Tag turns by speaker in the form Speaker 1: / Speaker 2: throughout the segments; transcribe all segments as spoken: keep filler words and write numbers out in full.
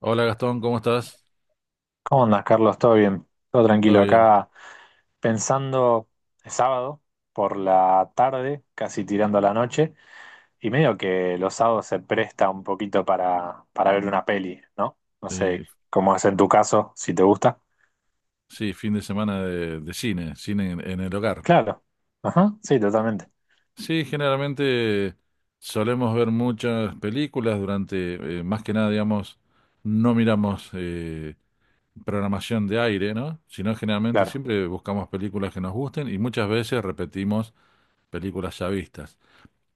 Speaker 1: Hola Gastón, ¿cómo estás?
Speaker 2: ¿Cómo andas, Carlos? ¿Todo bien? Todo
Speaker 1: ¿Todo
Speaker 2: tranquilo.
Speaker 1: bien?
Speaker 2: Acá pensando, es sábado, por la tarde, casi tirando a la noche, y medio que los sábados se presta un poquito para, para ver una peli, ¿no? No sé
Speaker 1: Eh,
Speaker 2: cómo es en tu caso, si te gusta.
Speaker 1: sí, fin de semana de, de cine, cine en, en el hogar.
Speaker 2: Claro. Ajá, sí, totalmente.
Speaker 1: Sí, generalmente solemos ver muchas películas durante, eh, más que nada, digamos, no miramos eh, programación de aire, ¿no? Sino generalmente
Speaker 2: Claro.
Speaker 1: siempre buscamos películas que nos gusten y muchas veces repetimos películas ya vistas.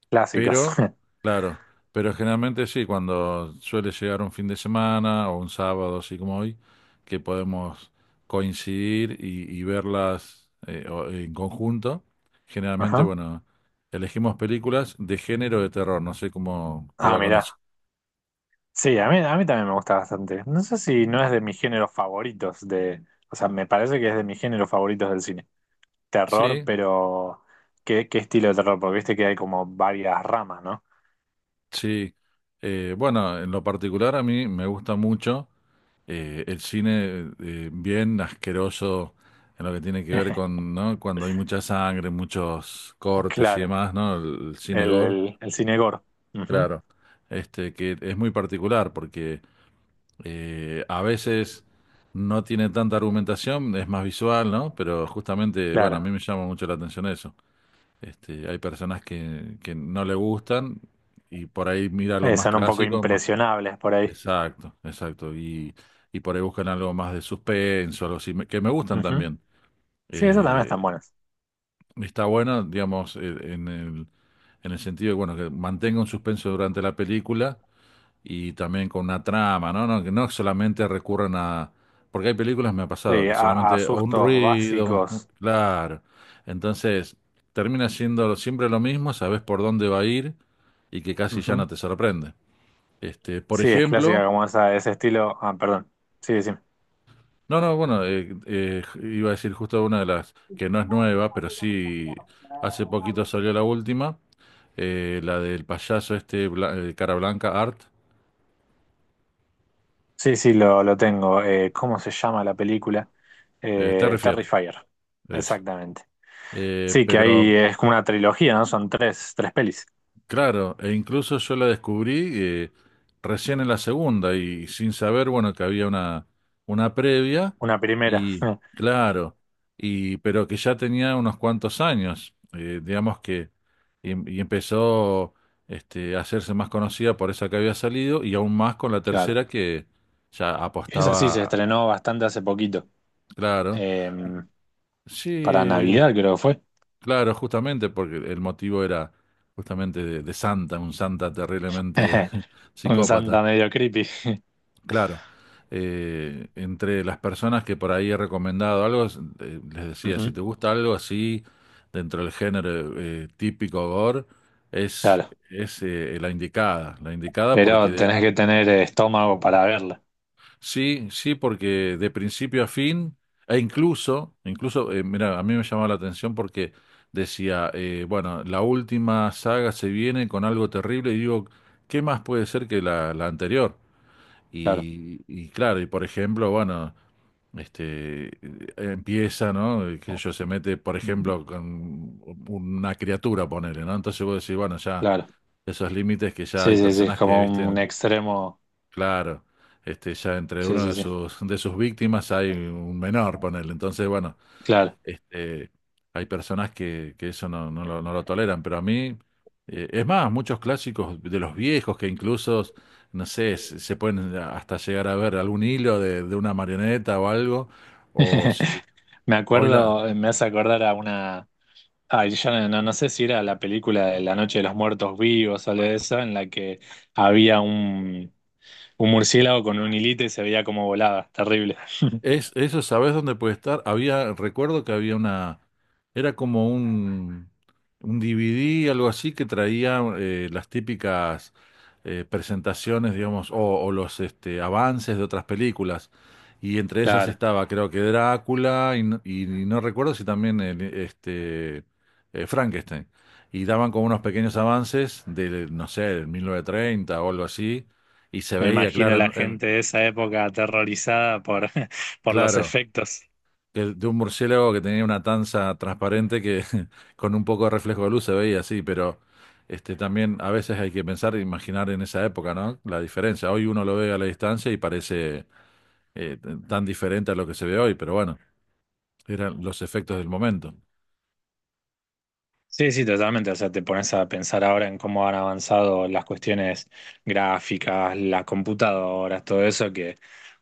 Speaker 2: Clásicos.
Speaker 1: Pero, claro, pero generalmente sí, cuando suele llegar un fin de semana o un sábado, así como hoy, que podemos coincidir y, y verlas eh, o- en conjunto, generalmente,
Speaker 2: Ajá.
Speaker 1: bueno, elegimos películas de género de terror, no sé cómo te
Speaker 2: Ah,
Speaker 1: va con
Speaker 2: mirá.
Speaker 1: eso.
Speaker 2: Sí, a mí, a mí también me gusta bastante. No sé si no es de mis géneros favoritos de... O sea, me parece que es de mis géneros favoritos del cine terror,
Speaker 1: Sí,
Speaker 2: pero ¿qué, qué estilo de terror? Porque viste que hay como varias ramas, ¿no?
Speaker 1: sí. Eh, bueno, en lo particular a mí me gusta mucho. eh, el cine eh, bien asqueroso en lo que tiene que ver con, ¿no? Cuando hay mucha sangre, muchos cortes y
Speaker 2: Claro,
Speaker 1: demás, ¿no? El, el cine
Speaker 2: el,
Speaker 1: gore,
Speaker 2: el, el cine gore. Ujú.
Speaker 1: claro, este que es muy particular porque eh, a veces no tiene tanta argumentación, es más visual, ¿no? Pero justamente, bueno, a mí
Speaker 2: Claro.
Speaker 1: me llama mucho la atención eso. Este, hay personas que, que no le gustan y por ahí mira algo
Speaker 2: Eh,
Speaker 1: más
Speaker 2: son un poco
Speaker 1: clásico, más.
Speaker 2: impresionables por ahí.
Speaker 1: Exacto, exacto. Y, y por ahí buscan algo más de suspenso, algo así, me- que me gustan
Speaker 2: Ujú.
Speaker 1: también.
Speaker 2: Sí, esas también están
Speaker 1: Eh,
Speaker 2: buenas.
Speaker 1: está bueno, digamos, eh, en el, en el sentido de, bueno, que mantenga un suspenso durante la película y también con una trama, ¿no? No, que no solamente recurran a... Porque hay películas, me ha pasado,
Speaker 2: Sí,
Speaker 1: que
Speaker 2: a, a
Speaker 1: solamente o un
Speaker 2: sustos
Speaker 1: ruido, un-
Speaker 2: básicos.
Speaker 1: claro. Entonces, termina siendo siempre lo mismo, sabes por dónde va a ir y que casi ya
Speaker 2: Ujú.
Speaker 1: no te sorprende. Este, por
Speaker 2: Sí, es clásica
Speaker 1: ejemplo...
Speaker 2: como esa, ese estilo. Ah, perdón. Sí, sí.
Speaker 1: No, no, bueno, eh, eh, iba a decir justo una de las que no es nueva, pero sí hace poquito salió la última, eh, la del payaso este bla- eh, cara blanca, Art,
Speaker 2: Sí, sí, lo, lo tengo. Eh, ¿cómo se llama la película?
Speaker 1: eh,
Speaker 2: Eh,
Speaker 1: Terrifier,
Speaker 2: Terrifier.
Speaker 1: eso.
Speaker 2: Exactamente.
Speaker 1: Eh,
Speaker 2: Sí, que
Speaker 1: pero.
Speaker 2: ahí es como una trilogía, ¿no? Son tres, tres pelis.
Speaker 1: Claro, e incluso yo la descubrí eh, recién en la segunda y sin saber, bueno, que había una, una previa
Speaker 2: Una primera.
Speaker 1: y claro, y pero que ya tenía unos cuantos años, eh, digamos que y, y empezó este, a hacerse más conocida por esa que había salido y aún más con la
Speaker 2: Claro.
Speaker 1: tercera que ya
Speaker 2: Esa sí se
Speaker 1: apostaba,
Speaker 2: estrenó bastante hace poquito.
Speaker 1: claro.
Speaker 2: Eh, para
Speaker 1: Sí,
Speaker 2: Navidad creo que fue.
Speaker 1: claro, justamente porque el motivo era justamente de, de Santa, un Santa terriblemente
Speaker 2: Un Santa
Speaker 1: psicópata.
Speaker 2: medio creepy.
Speaker 1: Claro, eh, entre las personas que por ahí he recomendado algo, es- eh, les decía, si
Speaker 2: Ujú.
Speaker 1: te gusta algo así, dentro del género eh, típico gore, es,
Speaker 2: Claro.
Speaker 1: es eh, la indicada, la indicada porque
Speaker 2: Pero
Speaker 1: de,
Speaker 2: tenés que tener eh, estómago para verla.
Speaker 1: sí, sí, porque de principio a fin, e incluso, incluso, eh, mira, a mí me llamaba la atención porque decía, eh, bueno, la última saga se viene con algo terrible y digo, ¿qué más puede ser que la, la anterior?
Speaker 2: Claro.
Speaker 1: Y, y claro, y por ejemplo, bueno, este, eh, empieza, ¿no? Eh, qué sé yo, se mete, por ejemplo, con una criatura, ponele, ¿no? Entonces vos decís, bueno, ya
Speaker 2: Claro.
Speaker 1: esos límites que ya
Speaker 2: Sí,
Speaker 1: hay
Speaker 2: sí, sí. Es
Speaker 1: personas que,
Speaker 2: como
Speaker 1: viste,
Speaker 2: un extremo.
Speaker 1: claro, este, ya entre
Speaker 2: Sí,
Speaker 1: uno
Speaker 2: sí,
Speaker 1: de
Speaker 2: sí.
Speaker 1: sus, de sus víctimas hay un menor, ponele. Entonces, bueno,
Speaker 2: Claro.
Speaker 1: este, hay personas que, que eso no, no lo, no lo toleran, pero a mí, eh, es más, muchos clásicos de los viejos que incluso, no sé, se, se pueden hasta llegar a ver algún hilo de, de una marioneta o algo, o si
Speaker 2: Me
Speaker 1: hoy la...
Speaker 2: acuerdo, me hace acordar a una. Ay, yo no, no- no sé si era la película de La Noche de los Muertos Vivos o algo de eso, en la que había un, un murciélago con un hilito y se veía como volaba. Terrible.
Speaker 1: Es, eso, ¿sabes dónde puede estar? Había, recuerdo que había una, era como un, un D V D, algo así, que traía eh, las típicas eh, presentaciones, digamos, o, o los este, avances de otras películas. Y entre esas
Speaker 2: Claro,
Speaker 1: estaba, creo que Drácula, y, no y no recuerdo si también el, este, eh, Frankenstein. Y daban como unos pequeños avances de, no sé, del mil novecientos treinta o algo así, y se
Speaker 2: me
Speaker 1: veía,
Speaker 2: imagino
Speaker 1: claro,
Speaker 2: la
Speaker 1: en- en-
Speaker 2: gente de esa época aterrorizada por, por los
Speaker 1: claro.
Speaker 2: efectos.
Speaker 1: Que- de un murciélago que tenía una tanza transparente que con un poco de reflejo de luz se veía así, pero este también a veces hay que pensar e imaginar en esa época, ¿no? La diferencia. Hoy uno lo ve a la distancia y parece eh, t- tan diferente a lo que se ve hoy, pero bueno, eran los efectos del momento.
Speaker 2: Sí, sí, totalmente. O sea, te pones a pensar ahora en cómo han avanzado las cuestiones gráficas, las computadoras, todo eso que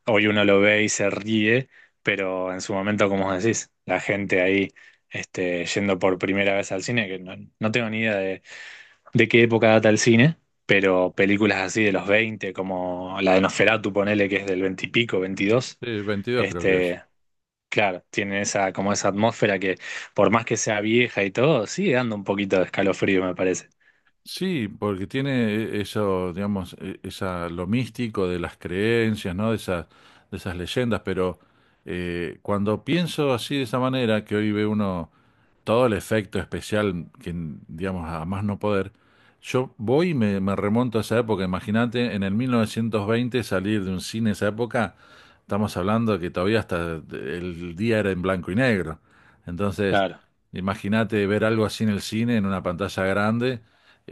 Speaker 2: hoy uno lo ve y se ríe, pero en su momento, como vos decís, la gente ahí este, yendo por primera vez al cine, que no, no tengo ni idea de, de qué época data el cine, pero películas así de los veinte, como la de Nosferatu, ponele que es del veinte y pico, veintidós.
Speaker 1: Sí, veintidós creo que es.
Speaker 2: Este, claro, tiene esa, como esa atmósfera que, por más que sea vieja y todo, sigue dando un poquito de escalofrío, me parece.
Speaker 1: Sí, porque tiene eso, digamos, e- esa, lo místico de las creencias, ¿no? De esas, de esas leyendas, pero eh, cuando pienso así de esa manera, que hoy ve uno todo el efecto especial, que, digamos, a más no poder, yo voy y me, me remonto a esa época. Imagínate, en el mil novecientos veinte salir de un cine esa época, estamos hablando que todavía hasta el día era en blanco y negro. Entonces,
Speaker 2: Claro,
Speaker 1: imagínate ver algo así en el cine, en una pantalla grande.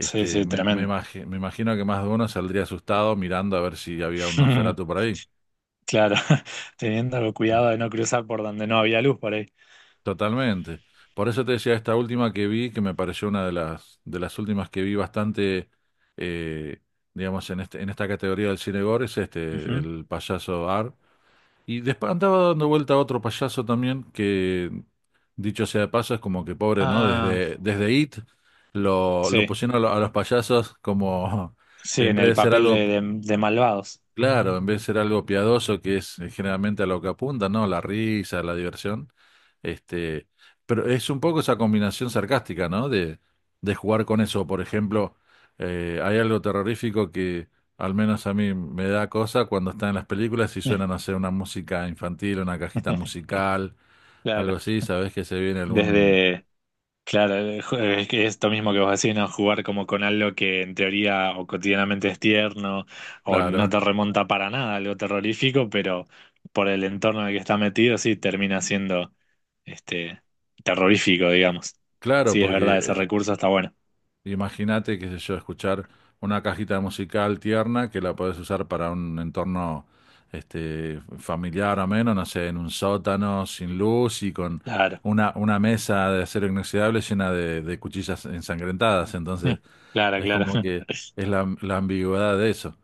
Speaker 2: sí, sí,
Speaker 1: me, me
Speaker 2: tremendo.
Speaker 1: imagi- me imagino que más de uno saldría asustado mirando a ver si había un Nosferatu por ahí.
Speaker 2: Claro, teniendo
Speaker 1: Mm.
Speaker 2: cuidado de no cruzar por donde no había luz por ahí.
Speaker 1: Totalmente. Por eso te decía esta última que vi, que me pareció una de las, de las, últimas que vi bastante, eh, digamos, en este, en esta categoría del cine gore, es este,
Speaker 2: Ujú.
Speaker 1: el payaso Ar. Y después andaba dando vuelta a otro payaso también, que dicho sea de paso, es como que pobre, ¿no?
Speaker 2: Ah,
Speaker 1: Desde, desde It lo, lo
Speaker 2: sí,
Speaker 1: pusieron a, lo- a los payasos como,
Speaker 2: sí,
Speaker 1: en
Speaker 2: en
Speaker 1: vez
Speaker 2: el
Speaker 1: de ser
Speaker 2: papel de,
Speaker 1: algo.
Speaker 2: de- de malvados.
Speaker 1: Claro, en vez de ser algo piadoso, que es eh, generalmente a lo que apunta, ¿no? La risa, la diversión. Este, pero es un poco esa combinación sarcástica, ¿no? De, de jugar con eso. Por ejemplo, eh, hay algo terrorífico que al menos a mí me da cosa cuando están en las películas y suenan a hacer una música infantil, una cajita musical,
Speaker 2: Claro,
Speaker 1: algo así, sabes que se viene algún...
Speaker 2: desde, claro, eh, ju- eh, es que esto mismo que vos decís, ¿no? Jugar como con algo que en teoría o cotidianamente es tierno o no
Speaker 1: Claro,
Speaker 2: te remonta para nada, a algo terrorífico, pero por el entorno en el que está metido, sí, termina siendo este terrorífico, digamos.
Speaker 1: claro,
Speaker 2: Sí, es
Speaker 1: porque
Speaker 2: verdad, ese
Speaker 1: eh,
Speaker 2: recurso está bueno.
Speaker 1: imagínate, qué sé yo, escuchar una cajita musical tierna que la podés usar para un entorno este, familiar o menos, no sé, en un sótano sin luz y con
Speaker 2: Claro,
Speaker 1: una, una, mesa de acero inoxidable llena de, de cuchillas ensangrentadas. Entonces,
Speaker 2: claro,
Speaker 1: es
Speaker 2: claro.
Speaker 1: como que es la, la ambigüedad de eso.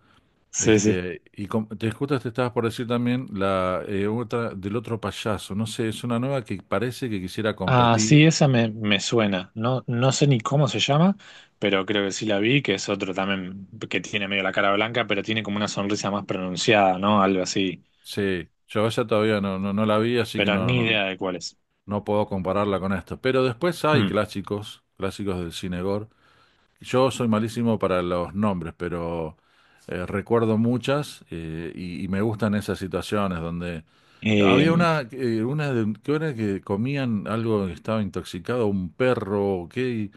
Speaker 2: Sí, sí.
Speaker 1: Este, y com- te justo te estabas por decir también la eh, otra del otro payaso. No sé, es una nueva que parece que quisiera
Speaker 2: Ah,
Speaker 1: competir.
Speaker 2: sí, esa me, me suena. No, no sé ni cómo se llama, pero creo que sí la vi, que es otro también que tiene medio la cara blanca, pero tiene como una sonrisa más pronunciada, ¿no? Algo así.
Speaker 1: Sí, yo esa todavía no, no, no la vi, así que
Speaker 2: Pero
Speaker 1: no,
Speaker 2: ni
Speaker 1: no-
Speaker 2: idea de cuál es.
Speaker 1: no puedo compararla con esto. Pero después hay
Speaker 2: Mm.
Speaker 1: clásicos, clásicos del cine gore. Yo soy malísimo para los nombres, pero eh, recuerdo muchas eh, y, y me gustan esas situaciones donde había
Speaker 2: Eh,
Speaker 1: una, eh, una de, que era que comían algo que estaba intoxicado, un perro, o qué, y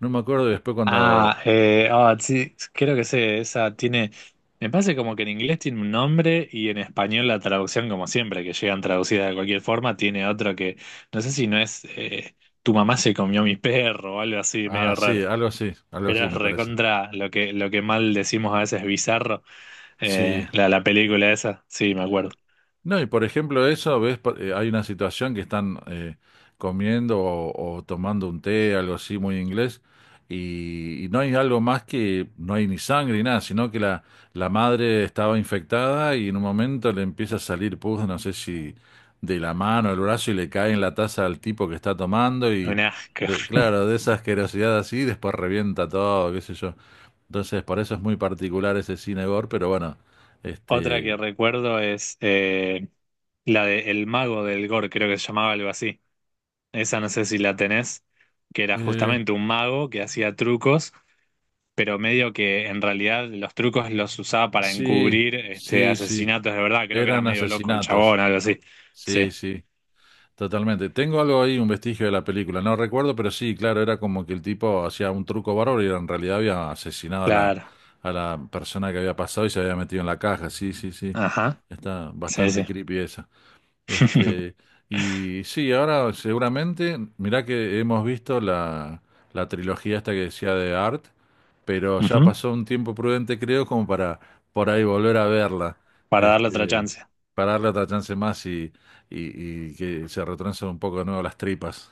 Speaker 1: no me acuerdo. Y después cuando,
Speaker 2: ah, eh, ah, sí, creo que sé, esa tiene. Me parece como que en inglés tiene un nombre y en español la traducción, como siempre, que llegan traducidas de cualquier forma, tiene otro que. No sé si no es eh, Tu mamá se comió mi perro o algo así,
Speaker 1: ah,
Speaker 2: medio raro.
Speaker 1: sí, algo así, algo
Speaker 2: Pero
Speaker 1: así
Speaker 2: es
Speaker 1: me parece.
Speaker 2: recontra lo que, lo que mal decimos a veces bizarro, eh,
Speaker 1: Sí,
Speaker 2: la, la película esa, sí, me acuerdo.
Speaker 1: no, y por ejemplo eso, ves, por- eh, hay una situación que están eh, comiendo o, o tomando un té, algo así muy inglés, y, y no hay algo más que, no hay ni sangre ni nada, sino que la, la, madre estaba infectada y en un momento le empieza a salir pus, no sé si de la mano o el brazo, y le cae en la taza al tipo que está tomando, y
Speaker 2: Un asco.
Speaker 1: de- claro, de esa asquerosidad así, después revienta todo, qué sé yo. Entonces, por eso es muy particular ese cine gore, pero bueno,
Speaker 2: Otra
Speaker 1: este...
Speaker 2: que recuerdo es eh, la de El Mago del Gore, creo que se llamaba algo así. Esa no sé si la tenés, que era
Speaker 1: eh,
Speaker 2: justamente un mago que hacía trucos, pero medio que en realidad los trucos los usaba para
Speaker 1: Sí,
Speaker 2: encubrir este,
Speaker 1: sí, sí.
Speaker 2: asesinatos de verdad. Creo que era
Speaker 1: Eran
Speaker 2: medio loco el
Speaker 1: asesinatos.
Speaker 2: chabón, algo así. Sí,
Speaker 1: Sí, sí, totalmente. Tengo algo ahí, un vestigio de la película. No recuerdo, pero sí, claro, era como que el tipo hacía un truco bárbaro y en realidad había asesinado a la,
Speaker 2: claro.
Speaker 1: a la persona que había pasado y se había metido en la caja. Sí, sí, sí.
Speaker 2: Ajá.
Speaker 1: Está
Speaker 2: Sí, sí.
Speaker 1: bastante creepy esa. Este, y sí, ahora seguramente, mirá que hemos visto la, la trilogía esta que decía de Art, pero ya
Speaker 2: Ujú.
Speaker 1: pasó un tiempo prudente, creo, como para por ahí volver a verla,
Speaker 2: Para darle otra
Speaker 1: este,
Speaker 2: chance.
Speaker 1: para darle otra chance más y, y, y que se retrancen un poco de nuevo las tripas.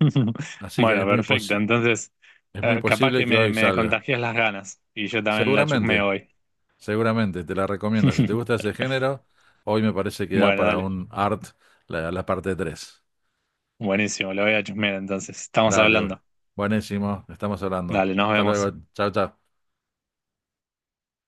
Speaker 1: Así que
Speaker 2: Bueno,
Speaker 1: es muy
Speaker 2: perfecto.
Speaker 1: posi-
Speaker 2: Entonces,
Speaker 1: es muy
Speaker 2: eh, capaz
Speaker 1: posible
Speaker 2: que
Speaker 1: que
Speaker 2: me,
Speaker 1: hoy
Speaker 2: me
Speaker 1: salga.
Speaker 2: contagias las ganas y yo también la
Speaker 1: Seguramente,
Speaker 2: chusmeo hoy.
Speaker 1: seguramente, te la recomiendo. Si te gusta ese género, hoy me parece que da
Speaker 2: Bueno,
Speaker 1: para
Speaker 2: dale.
Speaker 1: un Art la, la parte tres.
Speaker 2: Buenísimo, lo voy a chusmear entonces. Estamos
Speaker 1: Dale, güey.
Speaker 2: hablando.
Speaker 1: Buenísimo, estamos hablando.
Speaker 2: Dale, nos
Speaker 1: Hasta luego,
Speaker 2: vemos.
Speaker 1: chao, chao.